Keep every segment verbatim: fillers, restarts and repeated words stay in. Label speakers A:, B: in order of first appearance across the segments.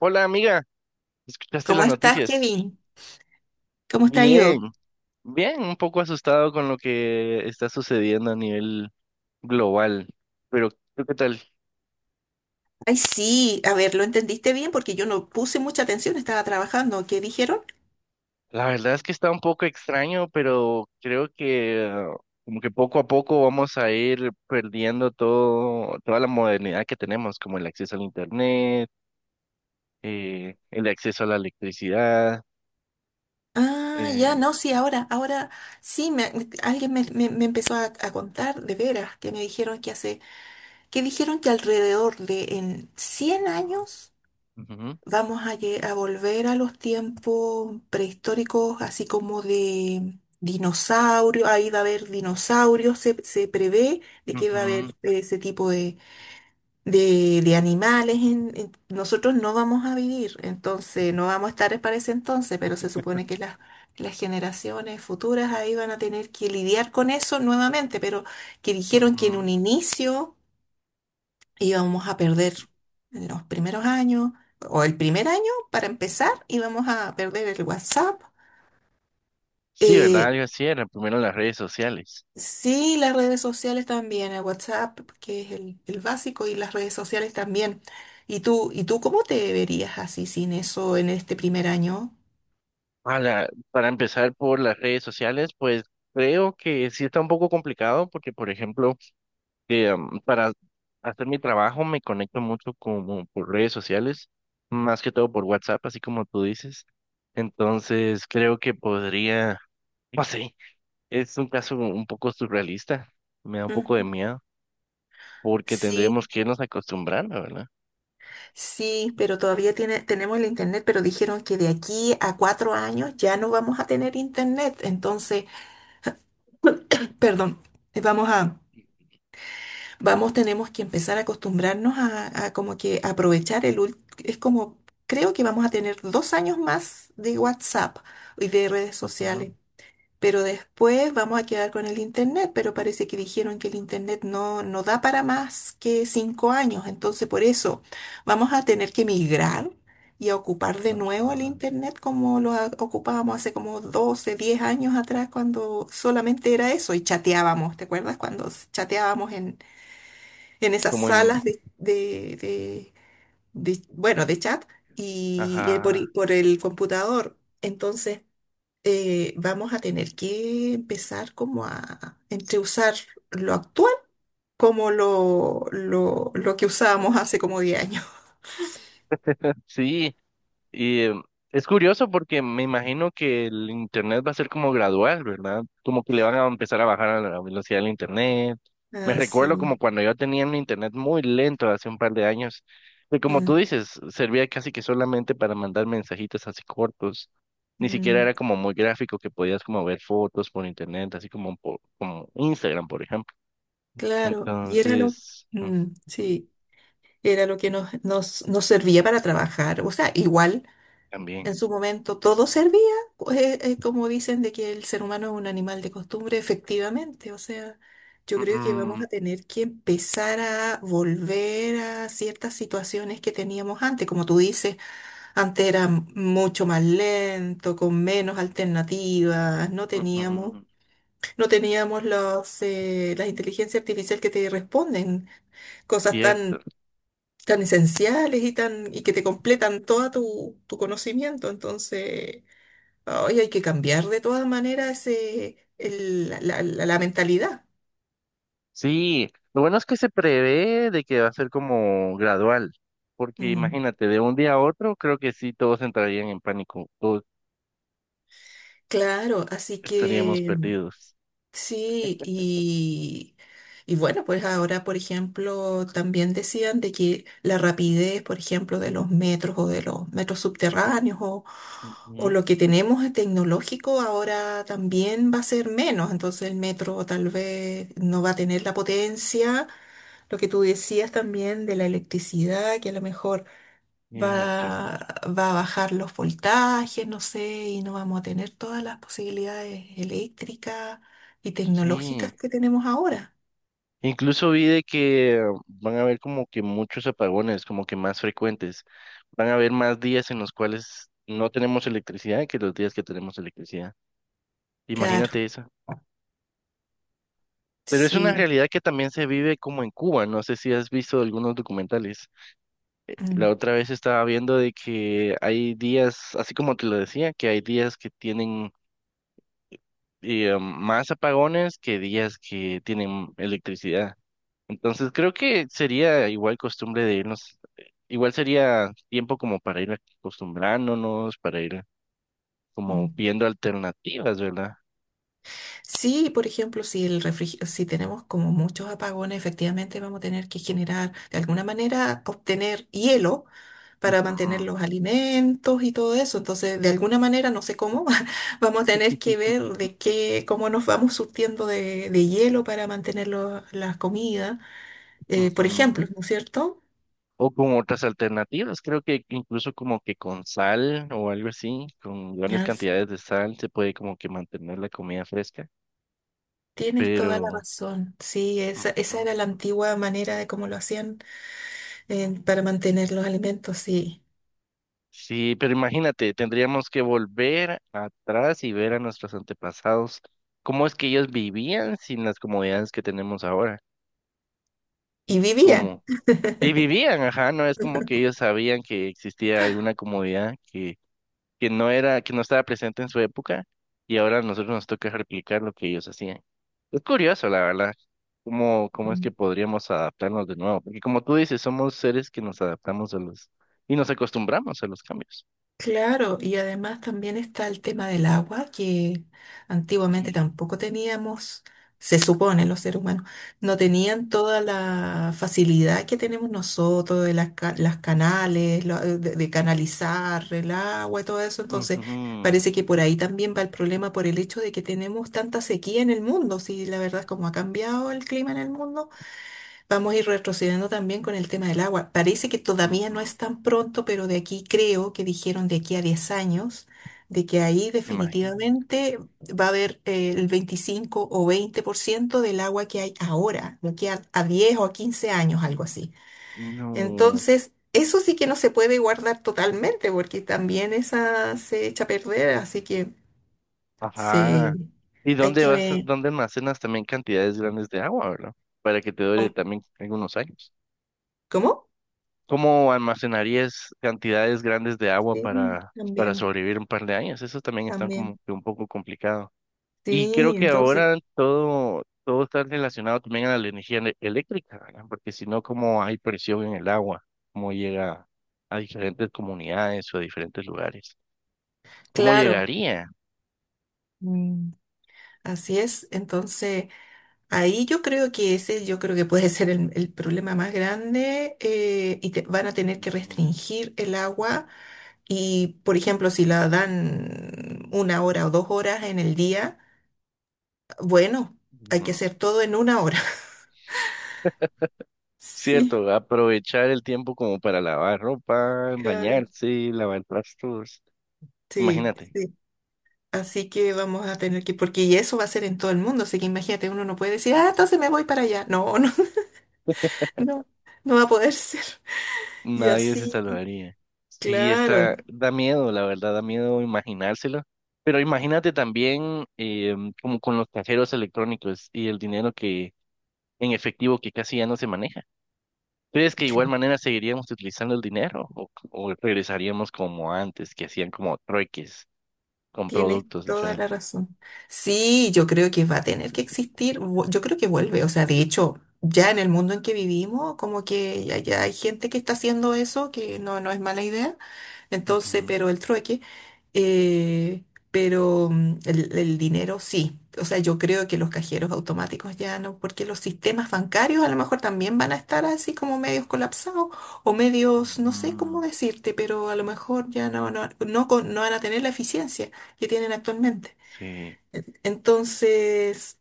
A: Hola amiga, ¿escuchaste
B: ¿Cómo
A: las
B: estás,
A: noticias?
B: Kevin? ¿Cómo te ha
A: Bien,
B: ido?
A: bien, un poco asustado con lo que está sucediendo a nivel global, pero ¿tú qué tal?
B: Ay, sí, a ver, lo entendiste bien porque yo no puse mucha atención, estaba trabajando. ¿Qué dijeron?
A: La verdad es que está un poco extraño, pero creo que eh, como que poco a poco vamos a ir perdiendo todo, toda la modernidad que tenemos, como el acceso al internet, eh, el acceso a la electricidad.
B: Ah, ya,
A: eh,
B: no, sí, ahora, ahora sí, me- me- alguien me, me- me empezó a, a contar de veras que me dijeron que hace, que dijeron que alrededor de en cien años
A: ujú,
B: vamos a, lle- a volver a los tiempos prehistóricos, así como de dinosaurios, ahí va a haber dinosaurios, se, se prevé de que va a haber
A: ujú,
B: eh, ese tipo de, de animales, en- en- nosotros no vamos a vivir, entonces no vamos a estar para ese entonces, pero se supone que las, las generaciones futuras ahí van a tener que lidiar con eso nuevamente, pero que dijeron que en un
A: ujú.
B: inicio íbamos a perder en los primeros años, o el primer año para empezar, íbamos a perder el WhatsApp.
A: Sí, ¿verdad?
B: eh,
A: Yo así era, primero las redes sociales.
B: Sí, las redes sociales también, el WhatsApp, que es el, el básico, y las redes sociales también. ¿Y tú, y tú cómo te verías así sin eso en este primer año?
A: Ala, para empezar por las redes sociales, pues creo que sí está un poco complicado porque, por ejemplo, eh, um, para hacer mi trabajo me conecto mucho como por redes sociales, más que todo por WhatsApp, así como tú dices. Entonces creo que podría, no sé, es un caso un poco surrealista, me da un poco de
B: Ujú.
A: miedo porque tendríamos
B: Sí,
A: que irnos acostumbrando, ¿verdad?
B: sí, pero todavía tiene, tenemos el internet, pero dijeron que de aquí a cuatro años ya no vamos a tener internet. Entonces, perdón, vamos a vamos, tenemos que empezar a acostumbrarnos a, a como que aprovechar el ult- es como, creo que vamos a tener dos años más de WhatsApp y de redes
A: Ajá,
B: sociales, pero después vamos a quedar con el Internet, pero parece que dijeron que el Internet no, no da para más que cinco años, entonces por eso vamos a tener que migrar y a ocupar de nuevo el
A: ajá.
B: Internet como lo a- ocupábamos hace como doce diez años atrás, cuando solamente era eso y chateábamos, ¿te acuerdas? Cuando chateábamos en esas
A: Como en,
B: salas de, de- de- de- bueno, de chat y eh, por,
A: ajá,
B: i- por el computador. Entonces, eh, vamos a tener que empezar como a entre usar lo actual como lo, lo, lo que usábamos hace como diez años.
A: sí. Y eh, es curioso porque me imagino que el internet va a ser como gradual, ¿verdad? Como que le van a empezar a bajar a la velocidad del internet. Me
B: Ah, sí.
A: recuerdo como cuando yo tenía un internet muy lento hace un par de años, que como
B: Ah,
A: tú dices, servía casi que solamente para mandar mensajitos así cortos. Ni siquiera
B: mm,
A: era como muy gráfico que podías como ver fotos por internet, así como por, como Instagram, por ejemplo.
B: claro. Y era lo,
A: Entonces, mm,
B: mm,
A: mm,
B: sí, era lo que nos, nos, nos servía para trabajar. O sea, igual.
A: también.
B: En su momento todo servía, eh, eh, como dicen de que el ser humano es un animal de costumbre, efectivamente. O sea, yo creo que vamos a tener que empezar a volver a ciertas situaciones que teníamos antes. Como tú dices, antes era m- mucho más lento, con menos alternativas, no
A: Ujú,
B: teníamos,
A: ujú,
B: no teníamos los, eh, las inteligencias artificiales que te responden, cosas
A: cierto.
B: tan, tan esenciales y tan, y que te completan todo tu, tu conocimiento. Entonces. Hoy hay que cambiar de todas maneras eh, el- la, la- la- la mentalidad.
A: Sí, lo bueno es que se prevé de que va a ser como gradual, porque
B: Mm,
A: imagínate, de un día a otro, creo que sí, todos entrarían en pánico, todos
B: claro, así
A: estaríamos
B: que mm,
A: perdidos.
B: sí, y, y bueno, pues ahora, por ejemplo, también decían de que la rapidez, por ejemplo, de los metros o de los metros subterráneos o, o
A: Ujú,
B: lo que tenemos de tecnológico ahora también va a ser menos, entonces el metro tal vez no va a tener la potencia, lo que tú decías también de la electricidad, que a lo mejor
A: cierto.
B: va, va a bajar los voltajes, no sé, y no vamos a tener todas las posibilidades eléctricas y tecnológicas
A: Sí,
B: que tenemos ahora.
A: incluso vi de que van a haber como que muchos apagones, como que más frecuentes. Van a haber más días en los cuales no tenemos electricidad que los días que tenemos electricidad.
B: Claro,
A: Imagínate eso. Pero es una
B: sí.
A: realidad que también se vive como en Cuba, no sé si has visto algunos documentales. La
B: Mm,
A: otra vez estaba viendo de que hay días, así como te lo decía, que hay días que tienen eh, más apagones que días que tienen electricidad. Entonces creo que sería igual costumbre de irnos, igual sería tiempo como para ir acostumbrándonos, para ir como
B: mm.
A: viendo alternativas, ¿verdad?
B: Sí, por ejemplo, si el refrigi- si tenemos como muchos apagones, efectivamente vamos a tener que generar de alguna manera obtener hielo para mantener
A: Ujú,
B: los alimentos y todo eso. Entonces, de alguna manera, no sé cómo, vamos a tener que ver de qué, cómo nos vamos surtiendo de, de hielo para mantener lo- la comida, eh, por
A: ujú.
B: ejemplo, ¿no es cierto?
A: O con otras alternativas, creo que incluso como que con sal o algo así, con grandes
B: Ya, sí.
A: cantidades de sal se puede como que mantener la comida fresca.
B: Tienes toda la
A: Pero
B: razón. Sí, esa, esa era la
A: ujú.
B: antigua manera de cómo lo hacían, eh, para mantener los alimentos, sí.
A: Sí, pero imagínate, tendríamos que volver atrás y ver a nuestros antepasados cómo es que ellos vivían sin las comodidades que tenemos ahora.
B: Y vivían.
A: Como, y vivían, ajá, no es como que ellos sabían que existía alguna comodidad que que no era, que no estaba presente en su época y ahora a nosotros nos toca replicar lo que ellos hacían. Es curioso, la verdad, cómo, cómo es que podríamos adaptarnos de nuevo, porque como tú dices, somos seres que nos adaptamos a los y nos acostumbramos a los cambios.
B: Claro, y además también está el tema del agua, que antiguamente
A: Sí.
B: tampoco teníamos, se supone los seres humanos, no tenían toda la facilidad que tenemos nosotros de las, ca- las canales, lo- eh, de, de canalizar el agua y todo eso. Entonces,
A: Ujú,
B: parece que por ahí también va el problema por el hecho de que tenemos tanta sequía en el mundo. Si la verdad es como ha cambiado el clima en el mundo. Vamos a ir retrocediendo también con el tema del agua. Parece que todavía no
A: ujú,
B: es tan pronto, pero de aquí creo que dijeron de aquí a diez años, de que ahí
A: me imagino.
B: definitivamente va a haber eh, el veinticinco o veinte por ciento del agua que hay ahora, de aquí a, a diez o a quince años, algo así.
A: No,
B: Entonces, eso sí que no se puede guardar totalmente, porque también esa se echa a perder, así que
A: ajá.
B: se,
A: ¿Y
B: hay
A: dónde vas,
B: que.
A: dónde almacenas también cantidades grandes de agua, verdad? Para que te dure también algunos años.
B: ¿Cómo?
A: ¿Cómo almacenarías cantidades grandes de agua
B: Sí,
A: para, para
B: también,
A: sobrevivir un par de años? Eso también está
B: también.
A: como que un poco complicado. Y
B: Sí,
A: creo que
B: entonces.
A: ahora todo, todo está relacionado también a la energía ele- eléctrica, ¿verdad? Porque si no, ¿cómo hay presión en el agua? ¿Cómo llega a diferentes comunidades o a diferentes lugares? ¿Cómo
B: Claro,
A: llegaría?
B: mm, así es. Entonces, ahí yo creo que ese, yo creo que puede ser el, el problema más grande eh, y te- van a tener que
A: Ujú,
B: restringir el agua y, por ejemplo, si la dan una hora o dos horas en el día, bueno, hay
A: ujú.
B: que hacer todo en una hora. Sí,
A: Cierto, aprovechar el tiempo como para lavar ropa,
B: claro.
A: bañarse, lavar trastos.
B: Sí,
A: Imagínate.
B: sí. Así que vamos a tener que, porque y eso va a ser en todo el mundo, así que imagínate, uno no puede decir, ah, entonces me voy para allá. No, no, no, no va a poder ser. Y
A: Nadie se
B: así.
A: salvaría. Sí,
B: Claro,
A: está, da miedo, la verdad, da miedo imaginárselo. Pero imagínate también eh, como con los cajeros electrónicos y el dinero que en efectivo que casi ya no se maneja. ¿Crees que de igual manera seguiríamos utilizando el dinero o, o regresaríamos como antes, que hacían como trueques con
B: tienes
A: productos
B: toda la
A: diferentes?
B: razón. Sí, yo creo que va a tener que existir, vu- yo creo que vuelve, o sea, de hecho, ya en el mundo en que vivimos, como que ya, ya hay gente que está haciendo eso, que no, no es mala idea, entonces,
A: Ujú,
B: pero el trueque. Eh, pero mm, el, el dinero sí. O sea, yo creo que los cajeros automáticos ya no, porque los sistemas bancarios a lo mejor también van a estar así como medios colapsados o medios, no sé cómo
A: ujú.
B: decirte, pero a lo mejor ya no, no, no, con- no van a tener la eficiencia que tienen actualmente.
A: Sí,
B: Entonces,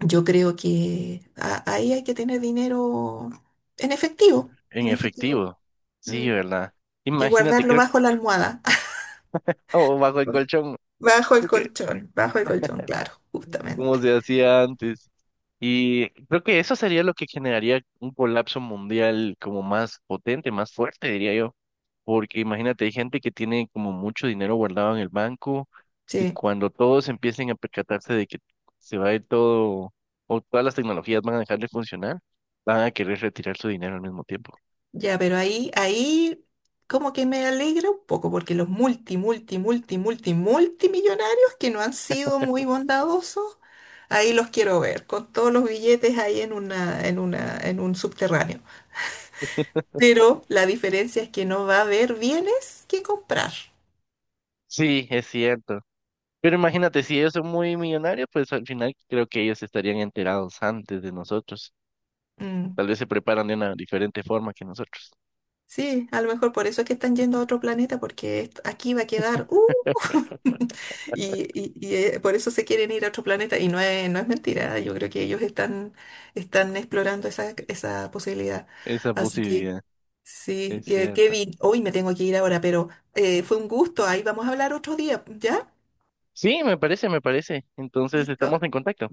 B: yo creo que a- ahí hay que tener dinero en efectivo,
A: en
B: en efectivo,
A: efectivo. Sí,
B: mm,
A: ¿verdad?
B: y
A: Imagínate,
B: guardarlo
A: creo,
B: bajo la almohada.
A: o bajo el colchón.
B: Bajo el
A: Ok,
B: colchón, bajo el colchón, claro,
A: como
B: justamente.
A: se hacía antes. Y creo que eso sería lo que generaría un colapso mundial como más potente, más fuerte, diría yo. Porque imagínate, hay gente que tiene como mucho dinero guardado en el banco y
B: Sí,
A: cuando todos empiecen a percatarse de que se va a ir todo o todas las tecnologías van a dejar de funcionar, van a querer retirar su dinero al mismo tiempo.
B: ya, pero ahí, ahí como que me alegra un poco porque los multi, multi, multi, multi, multimillonarios que no han sido muy bondadosos, ahí los quiero ver, con todos los billetes ahí en una, en una, en un subterráneo. Pero la diferencia es que no va a haber bienes que comprar.
A: Sí, es cierto. Pero imagínate, si ellos son muy millonarios, pues al final creo que ellos estarían enterados antes de nosotros.
B: Mm.
A: Tal vez se preparan de una diferente forma que nosotros.
B: Sí, a lo mejor por eso es que están yendo a otro planeta, porque est- aquí va a quedar, ¡uh! Y, y- y, eh, por eso se quieren ir a otro planeta. Y no es, no es mentira, yo creo que ellos están, están explorando esa, esa posibilidad.
A: Esa
B: Así que,
A: posibilidad
B: sí,
A: es
B: eh,
A: cierta.
B: Kevin, hoy me tengo que ir ahora, pero eh, fue un gusto. Ahí vamos a hablar otro día, ¿ya?
A: Sí, me parece, me parece. Entonces
B: Listo.
A: estamos en contacto.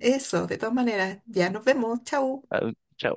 B: Eso, de todas maneras, ya nos vemos. Chau.
A: Ah, chao.